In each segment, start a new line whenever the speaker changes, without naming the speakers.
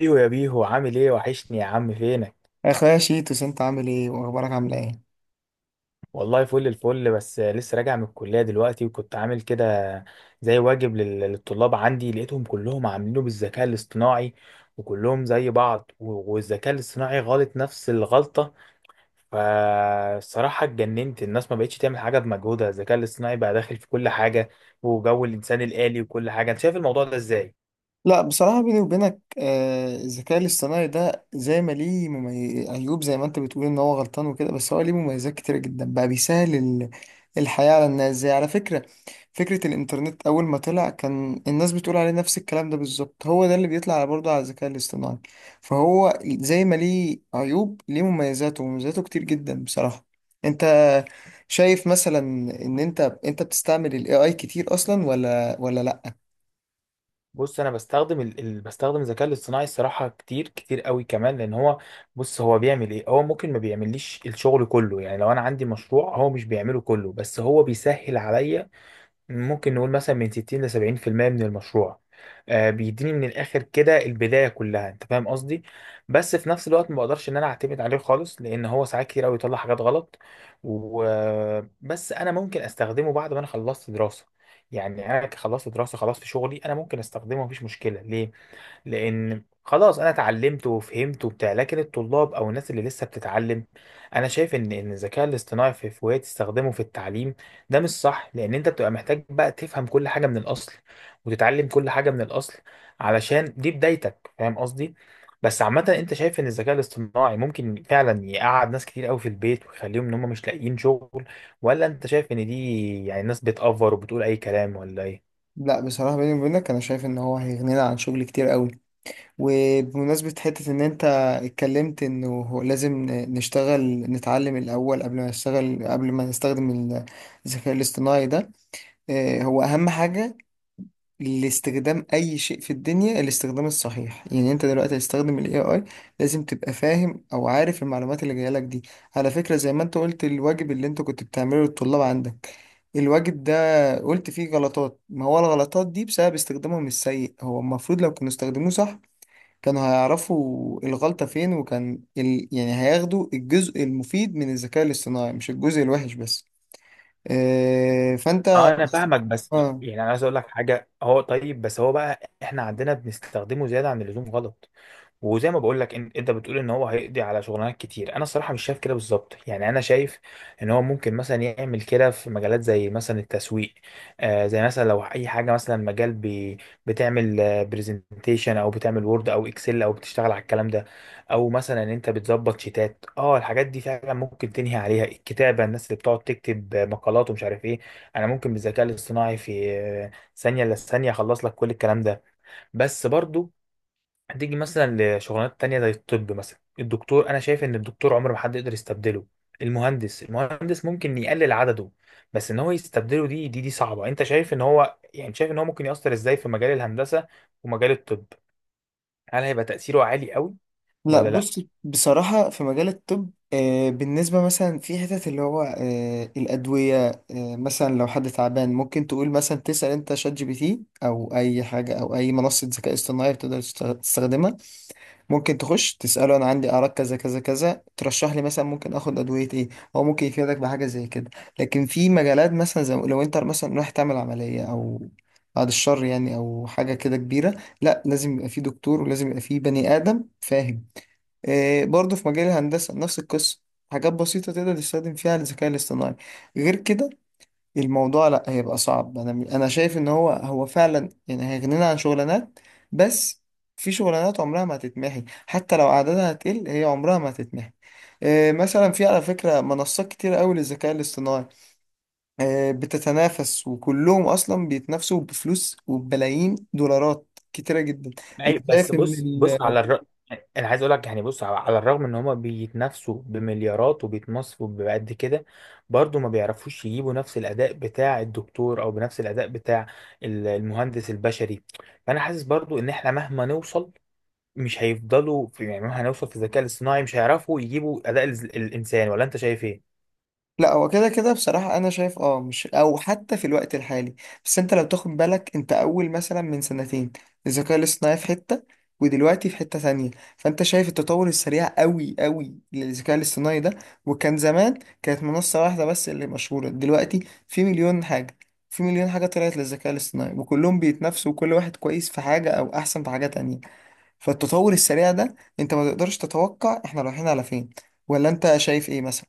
ايوه يا بيهو، عامل ايه؟ وحشني يا عم، فينك؟
يا اخويا شيتوس، انت عامل ايه واخبارك عامله ايه؟
والله فل الفل، بس لسه راجع من الكلية دلوقتي وكنت عامل كده زي واجب للطلاب عندي، لقيتهم كلهم عاملينه بالذكاء الاصطناعي وكلهم زي بعض، والذكاء الاصطناعي غلط نفس الغلطة. فالصراحة اتجننت، الناس ما بقتش تعمل حاجة بمجهودها، الذكاء الاصطناعي بقى داخل في كل حاجة وجو الإنسان الآلي وكل حاجة. انت شايف الموضوع ده ازاي؟
لا بصراحة بيني وبينك الذكاء الاصطناعي ده زي ما ليه عيوب زي ما انت بتقول ان هو غلطان وكده، بس هو ليه مميزات كتيرة جدا. بقى بيسهل الحياة على الناس. زي على فكرة، فكرة الإنترنت أول ما طلع كان الناس بتقول عليه نفس الكلام ده بالظبط، هو ده اللي بيطلع على برضه على الذكاء الاصطناعي. فهو زي ما ليه عيوب ليه مميزاته، ومميزاته كتير جدا بصراحة. انت شايف مثلا ان انت بتستعمل الاي اي كتير اصلا ولا لا؟
بص، انا بستخدم بستخدم الذكاء الاصطناعي الصراحه كتير كتير قوي كمان، لان هو، بص، هو بيعمل ايه؟ هو ممكن ما بيعمليش الشغل كله، يعني لو انا عندي مشروع هو مش بيعمله كله، بس هو بيسهل عليا ممكن نقول مثلا من 60 ل 70% من المشروع. آه، بيديني من الاخر كده البدايه كلها، انت فاهم قصدي؟ بس في نفس الوقت ما بقدرش ان انا اعتمد عليه خالص، لان هو ساعات كتير قوي يطلع حاجات غلط. وبس انا ممكن استخدمه بعد ما انا خلصت دراسه، يعني انا خلصت دراسه خلاص، في شغلي انا ممكن استخدمه، مفيش مشكله ليه، لان خلاص انا اتعلمت وفهمت وبتاع. لكن الطلاب او الناس اللي لسه بتتعلم، انا شايف ان الذكاء الاصطناعي في وقت تستخدمه في التعليم ده مش صح، لان انت بتبقى محتاج بقى تفهم كل حاجه من الاصل وتتعلم كل حاجه من الاصل، علشان دي بدايتك، فاهم قصدي؟ بس عامة، انت شايف ان الذكاء الاصطناعي ممكن فعلا يقعد ناس كتير قوي في البيت ويخليهم ان هم مش لاقيين شغل، ولا انت شايف ان دي يعني ناس بتأفر وبتقول اي كلام ولا ايه؟
لا بصراحة بيني وبينك، أنا شايف إن هو هيغنينا عن شغل كتير قوي. وبمناسبة حتة إن أنت اتكلمت إنه هو لازم نشتغل، نتعلم الأول قبل ما نشتغل، قبل ما نستخدم الذكاء الاصطناعي ده. هو أهم حاجة لاستخدام أي شيء في الدنيا الاستخدام الصحيح. يعني أنت دلوقتي هتستخدم ال AI، لازم تبقى فاهم أو عارف المعلومات اللي جاية لك دي. على فكرة، زي ما أنت قلت الواجب اللي أنت كنت بتعمله للطلاب عندك، الواجب ده قلت فيه غلطات، ما هو الغلطات دي بسبب استخدامهم السيء. هو المفروض لو كانوا استخدموه صح كانوا هيعرفوا الغلطة فين، وكان يعني هياخدوا الجزء المفيد من الذكاء الاصطناعي مش الجزء الوحش بس. آه فانت.
اه، انا فاهمك، بس
آه.
يعني انا عايز اقول لك حاجه، هو طيب، بس هو بقى احنا عندنا بنستخدمه زياده عن اللزوم غلط. وزي ما بقول لك، انت بتقول ان هو هيقضي على شغلانات كتير، انا الصراحه مش شايف كده بالظبط. يعني انا شايف ان هو ممكن مثلا يعمل كده في مجالات زي مثلا التسويق. آه، زي مثلا لو اي حاجه، مثلا مجال بي، بتعمل آه، برزنتيشن او بتعمل وورد او اكسل او بتشتغل على الكلام ده، او مثلا ان انت بتظبط شيتات، اه، الحاجات دي فعلا ممكن تنهي عليها الكتابه. الناس اللي بتقعد تكتب آه، مقالات ومش عارف ايه، انا ممكن بالذكاء الاصطناعي في آه، ثانيه الا ثانيه اخلص لك كل الكلام ده. بس برضو هتيجي مثلا لشغلانات تانية زي الطب مثلا. الدكتور، انا شايف ان الدكتور عمر ما حد يقدر يستبدله. المهندس، المهندس ممكن يقلل عدده، بس ان هو يستبدله دي صعبة. انت شايف ان هو، يعني، شايف ان هو ممكن يأثر ازاي في مجال الهندسة ومجال الطب؟ هل هيبقى تأثيره عالي قوي
لا
ولا لا؟
بص، بصراحة في مجال الطب، آه بالنسبة مثلا في حتت اللي هو آه الأدوية، آه مثلا لو حد تعبان ممكن تقول مثلا تسأل أنت شات جي بي تي أو أي حاجة أو أي منصة ذكاء اصطناعي بتقدر تستخدمها. ممكن تخش تسأله أنا عندي أعراض كذا كذا كذا، ترشح لي مثلا ممكن آخد أدوية إيه. هو ممكن يفيدك بحاجة زي كده. لكن في مجالات مثلا زي لو أنت مثلا رايح تعمل عملية أو بعد الشر يعني، أو حاجة كده كبيرة، لا لازم يبقى في دكتور ولازم يبقى في بني آدم فاهم. إيه برضه في مجال الهندسة نفس القصة، حاجات بسيطة تقدر تستخدم فيها الذكاء الاصطناعي. غير كده الموضوع لا هيبقى صعب. انا شايف ان هو فعلا يعني هيغنينا عن شغلانات، بس في شغلانات عمرها ما هتتمحي. حتى لو عددها هتقل، هي عمرها ما هتتمحي. إيه مثلا في على فكرة منصات كتير قوي للذكاء الاصطناعي، إيه بتتنافس وكلهم اصلا بيتنافسوا بفلوس وبملايين دولارات كتيرة جدا. انت
أي، بس،
شايف
بص بص
ان
على انا عايز اقول لك، يعني بص على الرغم ان هما بيتنافسوا بمليارات وبيتمصفوا بقد كده، برضو ما بيعرفوش يجيبوا نفس الاداء بتاع الدكتور او بنفس الاداء بتاع المهندس البشري. فانا حاسس برضو ان احنا مهما نوصل، مش هيفضلوا في، يعني مهما هنوصل في الذكاء الاصطناعي مش هيعرفوا يجيبوا اداء الانسان. ولا انت شايف ايه؟
لا، هو كده كده بصراحة. أنا شايف أه، مش أو حتى في الوقت الحالي، بس أنت لو تاخد بالك أنت أول مثلا من سنتين الذكاء الاصطناعي في حتة ودلوقتي في حتة تانية. فأنت شايف التطور السريع أوي للذكاء الاصطناعي ده. وكان زمان كانت منصة واحدة بس اللي مشهورة، دلوقتي في مليون حاجة. في مليون حاجة طلعت للذكاء الاصطناعي وكلهم بيتنافسوا، وكل واحد كويس في حاجة أو أحسن في حاجة تانية. فالتطور السريع ده أنت ما تقدرش تتوقع إحنا رايحين على فين، ولا أنت شايف إيه مثلا؟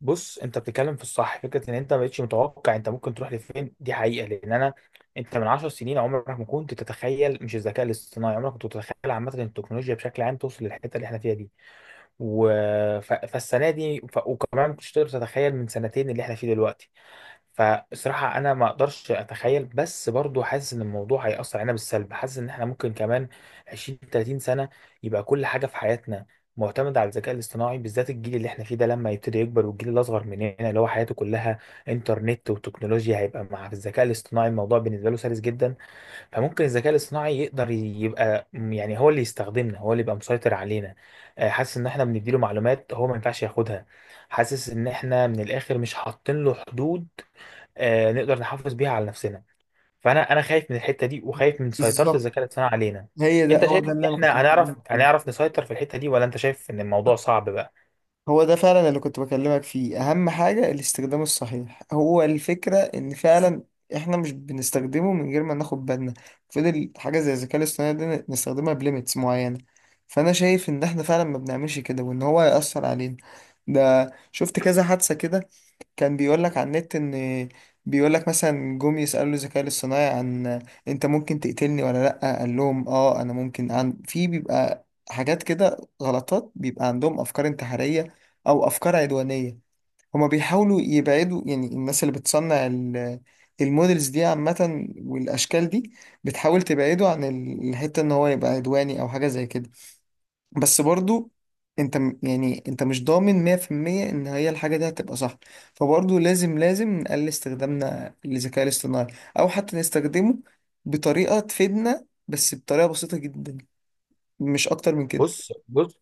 بص، انت بتتكلم في الصح. فكره ان انت ما بقتش متوقع انت ممكن تروح لفين دي حقيقه، لان انا، انت من 10 سنين عمرك ما كنت تتخيل، مش الذكاء الاصطناعي، عمرك ما كنت تتخيل عامه ان التكنولوجيا بشكل عام توصل للحته اللي احنا فيها دي، و... فالسنه دي، وكمان ما كنتش تقدر تتخيل من سنتين اللي احنا فيه دلوقتي. فالصراحة أنا ما أقدرش أتخيل، بس برضو حاسس إن الموضوع هيأثر علينا بالسلب. حاسس إن إحنا ممكن كمان 20 30 سنة يبقى كل حاجة في حياتنا معتمدة على الذكاء الاصطناعي، بالذات الجيل اللي إحنا فيه ده لما يبتدي يكبر، والجيل الأصغر مننا اللي هو حياته كلها إنترنت وتكنولوجيا، هيبقى مع الذكاء الاصطناعي الموضوع بالنسبة له سلس جدا. فممكن الذكاء الاصطناعي يقدر يبقى، يعني، هو اللي يستخدمنا، هو اللي يبقى مسيطر علينا. آه، حاسس إن إحنا بنديله معلومات هو ما ينفعش ياخدها، حاسس إن إحنا من الآخر مش حاطين له حدود آه، نقدر نحافظ بيها على نفسنا. فانا خايف من الحته دي وخايف من سيطره
بالظبط،
الذكاء الاصطناعي علينا.
هي ده
انت
هو
شايف ان
ده اللي انا كنت
احنا هنعرف
بكلمك فيه.
هنعرف نسيطر في الحته دي، ولا انت شايف ان الموضوع صعب بقى؟
هو ده فعلا اللي كنت بكلمك فيه، اهم حاجة الاستخدام الصحيح. هو الفكرة ان فعلا احنا مش بنستخدمه من غير ما ناخد بالنا. فضل حاجة زي الذكاء الاصطناعي ده نستخدمها بليميتس معينة. فانا شايف ان احنا فعلا ما بنعملش كده، وان هو هيأثر علينا. ده شفت كذا حادثة كده، كان بيقول لك على النت ان، بيقول لك مثلا جم يسألوا الذكاء الاصطناعي عن انت ممكن تقتلني ولا لأ، قال لهم اه انا ممكن. عن في بيبقى حاجات كده غلطات، بيبقى عندهم افكار انتحارية او افكار عدوانيه. هما بيحاولوا يبعدوا يعني، الناس اللي بتصنع المودلز دي عامه والاشكال دي بتحاول تبعده عن الحته ان هو يبقى عدواني او حاجه زي كده. بس برضو يعني انت مش ضامن 100% ان هي الحاجه دي هتبقى صح. فبرضو لازم نقلل استخدامنا للذكاء الاصطناعي، او حتى نستخدمه بطريقه تفيدنا بس بطريقه بسيطه جدا، مش اكتر من كده.
بص بص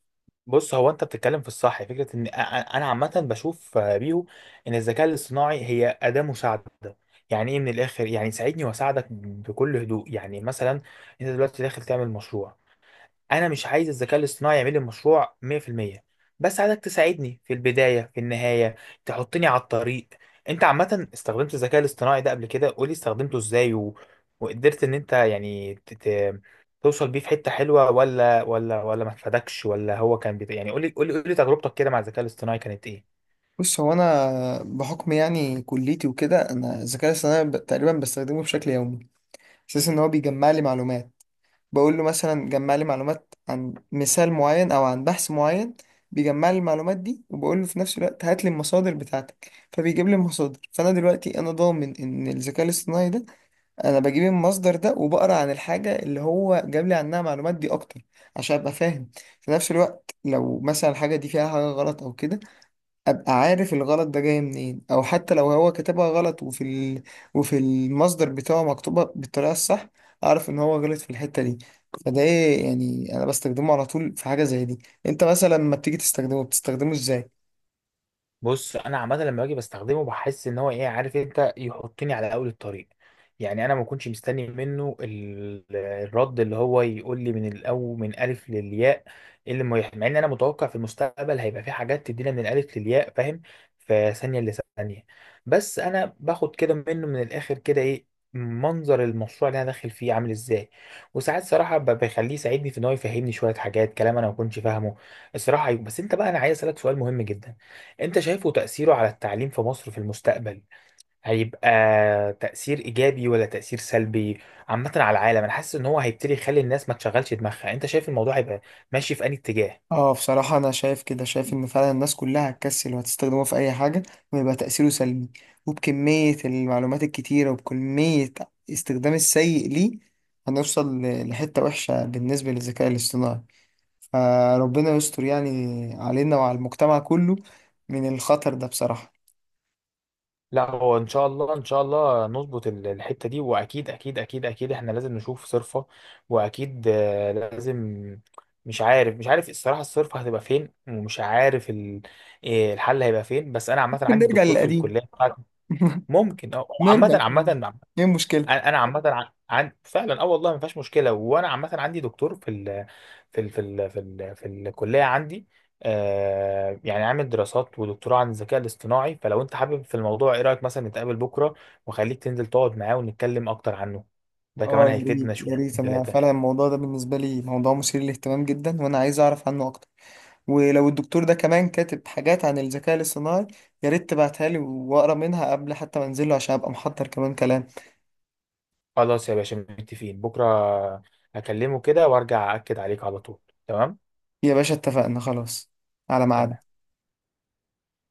بص، هو انت بتتكلم في الصح. فكره ان انا عامه بشوف آه، بيهو، ان الذكاء الاصطناعي هي اداه مساعده. يعني ايه من الاخر؟ يعني ساعدني واساعدك بكل هدوء. يعني مثلا انت دلوقتي داخل تعمل مشروع، انا مش عايز الذكاء الاصطناعي يعمل لي مشروع 100%، بس عايزك تساعدني في البدايه في النهايه، تحطني على الطريق. انت عامه استخدمت الذكاء الاصطناعي ده قبل كده؟ قولي استخدمته ازاي وقدرت ان انت يعني توصل بيه في حته حلوه، ولا ولا ما فادكش، ولا هو كان يعني قولي قولي قولي تجربتك كده مع الذكاء الاصطناعي كانت ايه؟
بص، هو انا بحكم يعني كليتي وكده انا الذكاء الاصطناعي تقريبا بستخدمه بشكل يومي. اساس ان هو بيجمع لي معلومات، بقول له مثلا جمع لي معلومات عن مثال معين او عن بحث معين. بيجمع لي المعلومات دي وبقول له في نفس الوقت هات لي المصادر بتاعتك، فبيجيب لي المصادر. فانا دلوقتي انا ضامن ان الذكاء الاصطناعي ده، انا بجيب المصدر ده وبقرا عن الحاجه اللي هو جاب لي عنها معلومات دي اكتر عشان ابقى فاهم. في نفس الوقت لو مثلا الحاجه دي فيها حاجه غلط او كده، ابقى عارف الغلط ده جاي منين. او حتى لو هو كتبها غلط وفي وفي المصدر بتاعه مكتوبة بالطريقة الصح، اعرف ان هو غلط في الحتة دي. فده إيه يعني انا بستخدمه على طول في حاجة زي دي. انت مثلا لما بتيجي تستخدمه بتستخدمه ازاي؟
بص، انا عامه لما باجي بستخدمه بحس ان هو ايه عارف انت، يحطني على اول الطريق. يعني انا ما كنتش مستني منه الرد اللي هو يقول لي من الاول من الف للياء. إيه اللي ما يح- مع ان انا متوقع في المستقبل هيبقى في حاجات تدينا من الالف للياء، فاهم؟ في ثانيه لثانيه. بس انا باخد كده منه من الاخر كده ايه؟ منظر المشروع اللي انا داخل فيه عامل ازاي. وساعات صراحه بخليه يساعدني في ان هو يفهمني شويه حاجات كلام انا ما كنتش فاهمه. الصراحه أيوة. بس انت بقى، انا عايز اسالك سؤال مهم جدا. انت شايفه تأثيره على التعليم في مصر في المستقبل هيبقى تأثير إيجابي ولا تأثير سلبي؟ عامة على العالم، انا حاسس ان هو هيبتدي يخلي الناس ما تشغلش دماغها. انت شايف الموضوع هيبقى ماشي في أي اتجاه؟
اه بصراحة انا شايف كده، شايف ان فعلا الناس كلها هتكسل وهتستخدمه في اي حاجة، ويبقى تأثيره سلبي. وبكمية المعلومات الكتيرة وبكمية استخدام السيء ليه، هنوصل لحتة وحشة بالنسبة للذكاء الاصطناعي. فربنا يستر يعني علينا وعلى المجتمع كله من الخطر ده بصراحة.
لا، هو ان شاء الله، ان شاء الله نظبط الحتة دي، واكيد اكيد اكيد اكيد احنا لازم نشوف صرفة. واكيد آه، لازم. مش عارف، مش عارف الصراحة الصرفة هتبقى فين، ومش عارف إيه الحل هيبقى فين. بس انا عامة
ممكن
عندي
نرجع
دكتور في
للقديم
الكلية بتاعتي. ممكن اه، عامة
نرجع للقديم.
عامة.
ايه المشكلة؟
انا عامه فعلا اه، والله ما فيهاش مشكله. وانا عامه عندي دكتور في الكليه عندي، آه، يعني عامل دراسات ودكتوراه عن الذكاء الاصطناعي. فلو انت حابب في الموضوع، ايه رايك مثلا نتقابل بكره وخليك تنزل تقعد معاه ونتكلم اكتر عنه؟ ده كمان
اه، يا
هيفيدنا
ريت يا
شويتين
ريت انا فعلا
ثلاثه.
الموضوع ده بالنسبة لي موضوع مثير للاهتمام جدا، وانا عايز اعرف عنه اكتر. ولو الدكتور ده كمان كاتب حاجات عن الذكاء الاصطناعي، يا ريت تبعتها لي واقرا منها قبل حتى ما انزله عشان ابقى محضر كمان كلام.
خلاص يا باشا، متفقين بكره، هكلمه كده وارجع اكد عليك على طول. تمام.
يا باشا اتفقنا خلاص، على ميعاد.
تمام.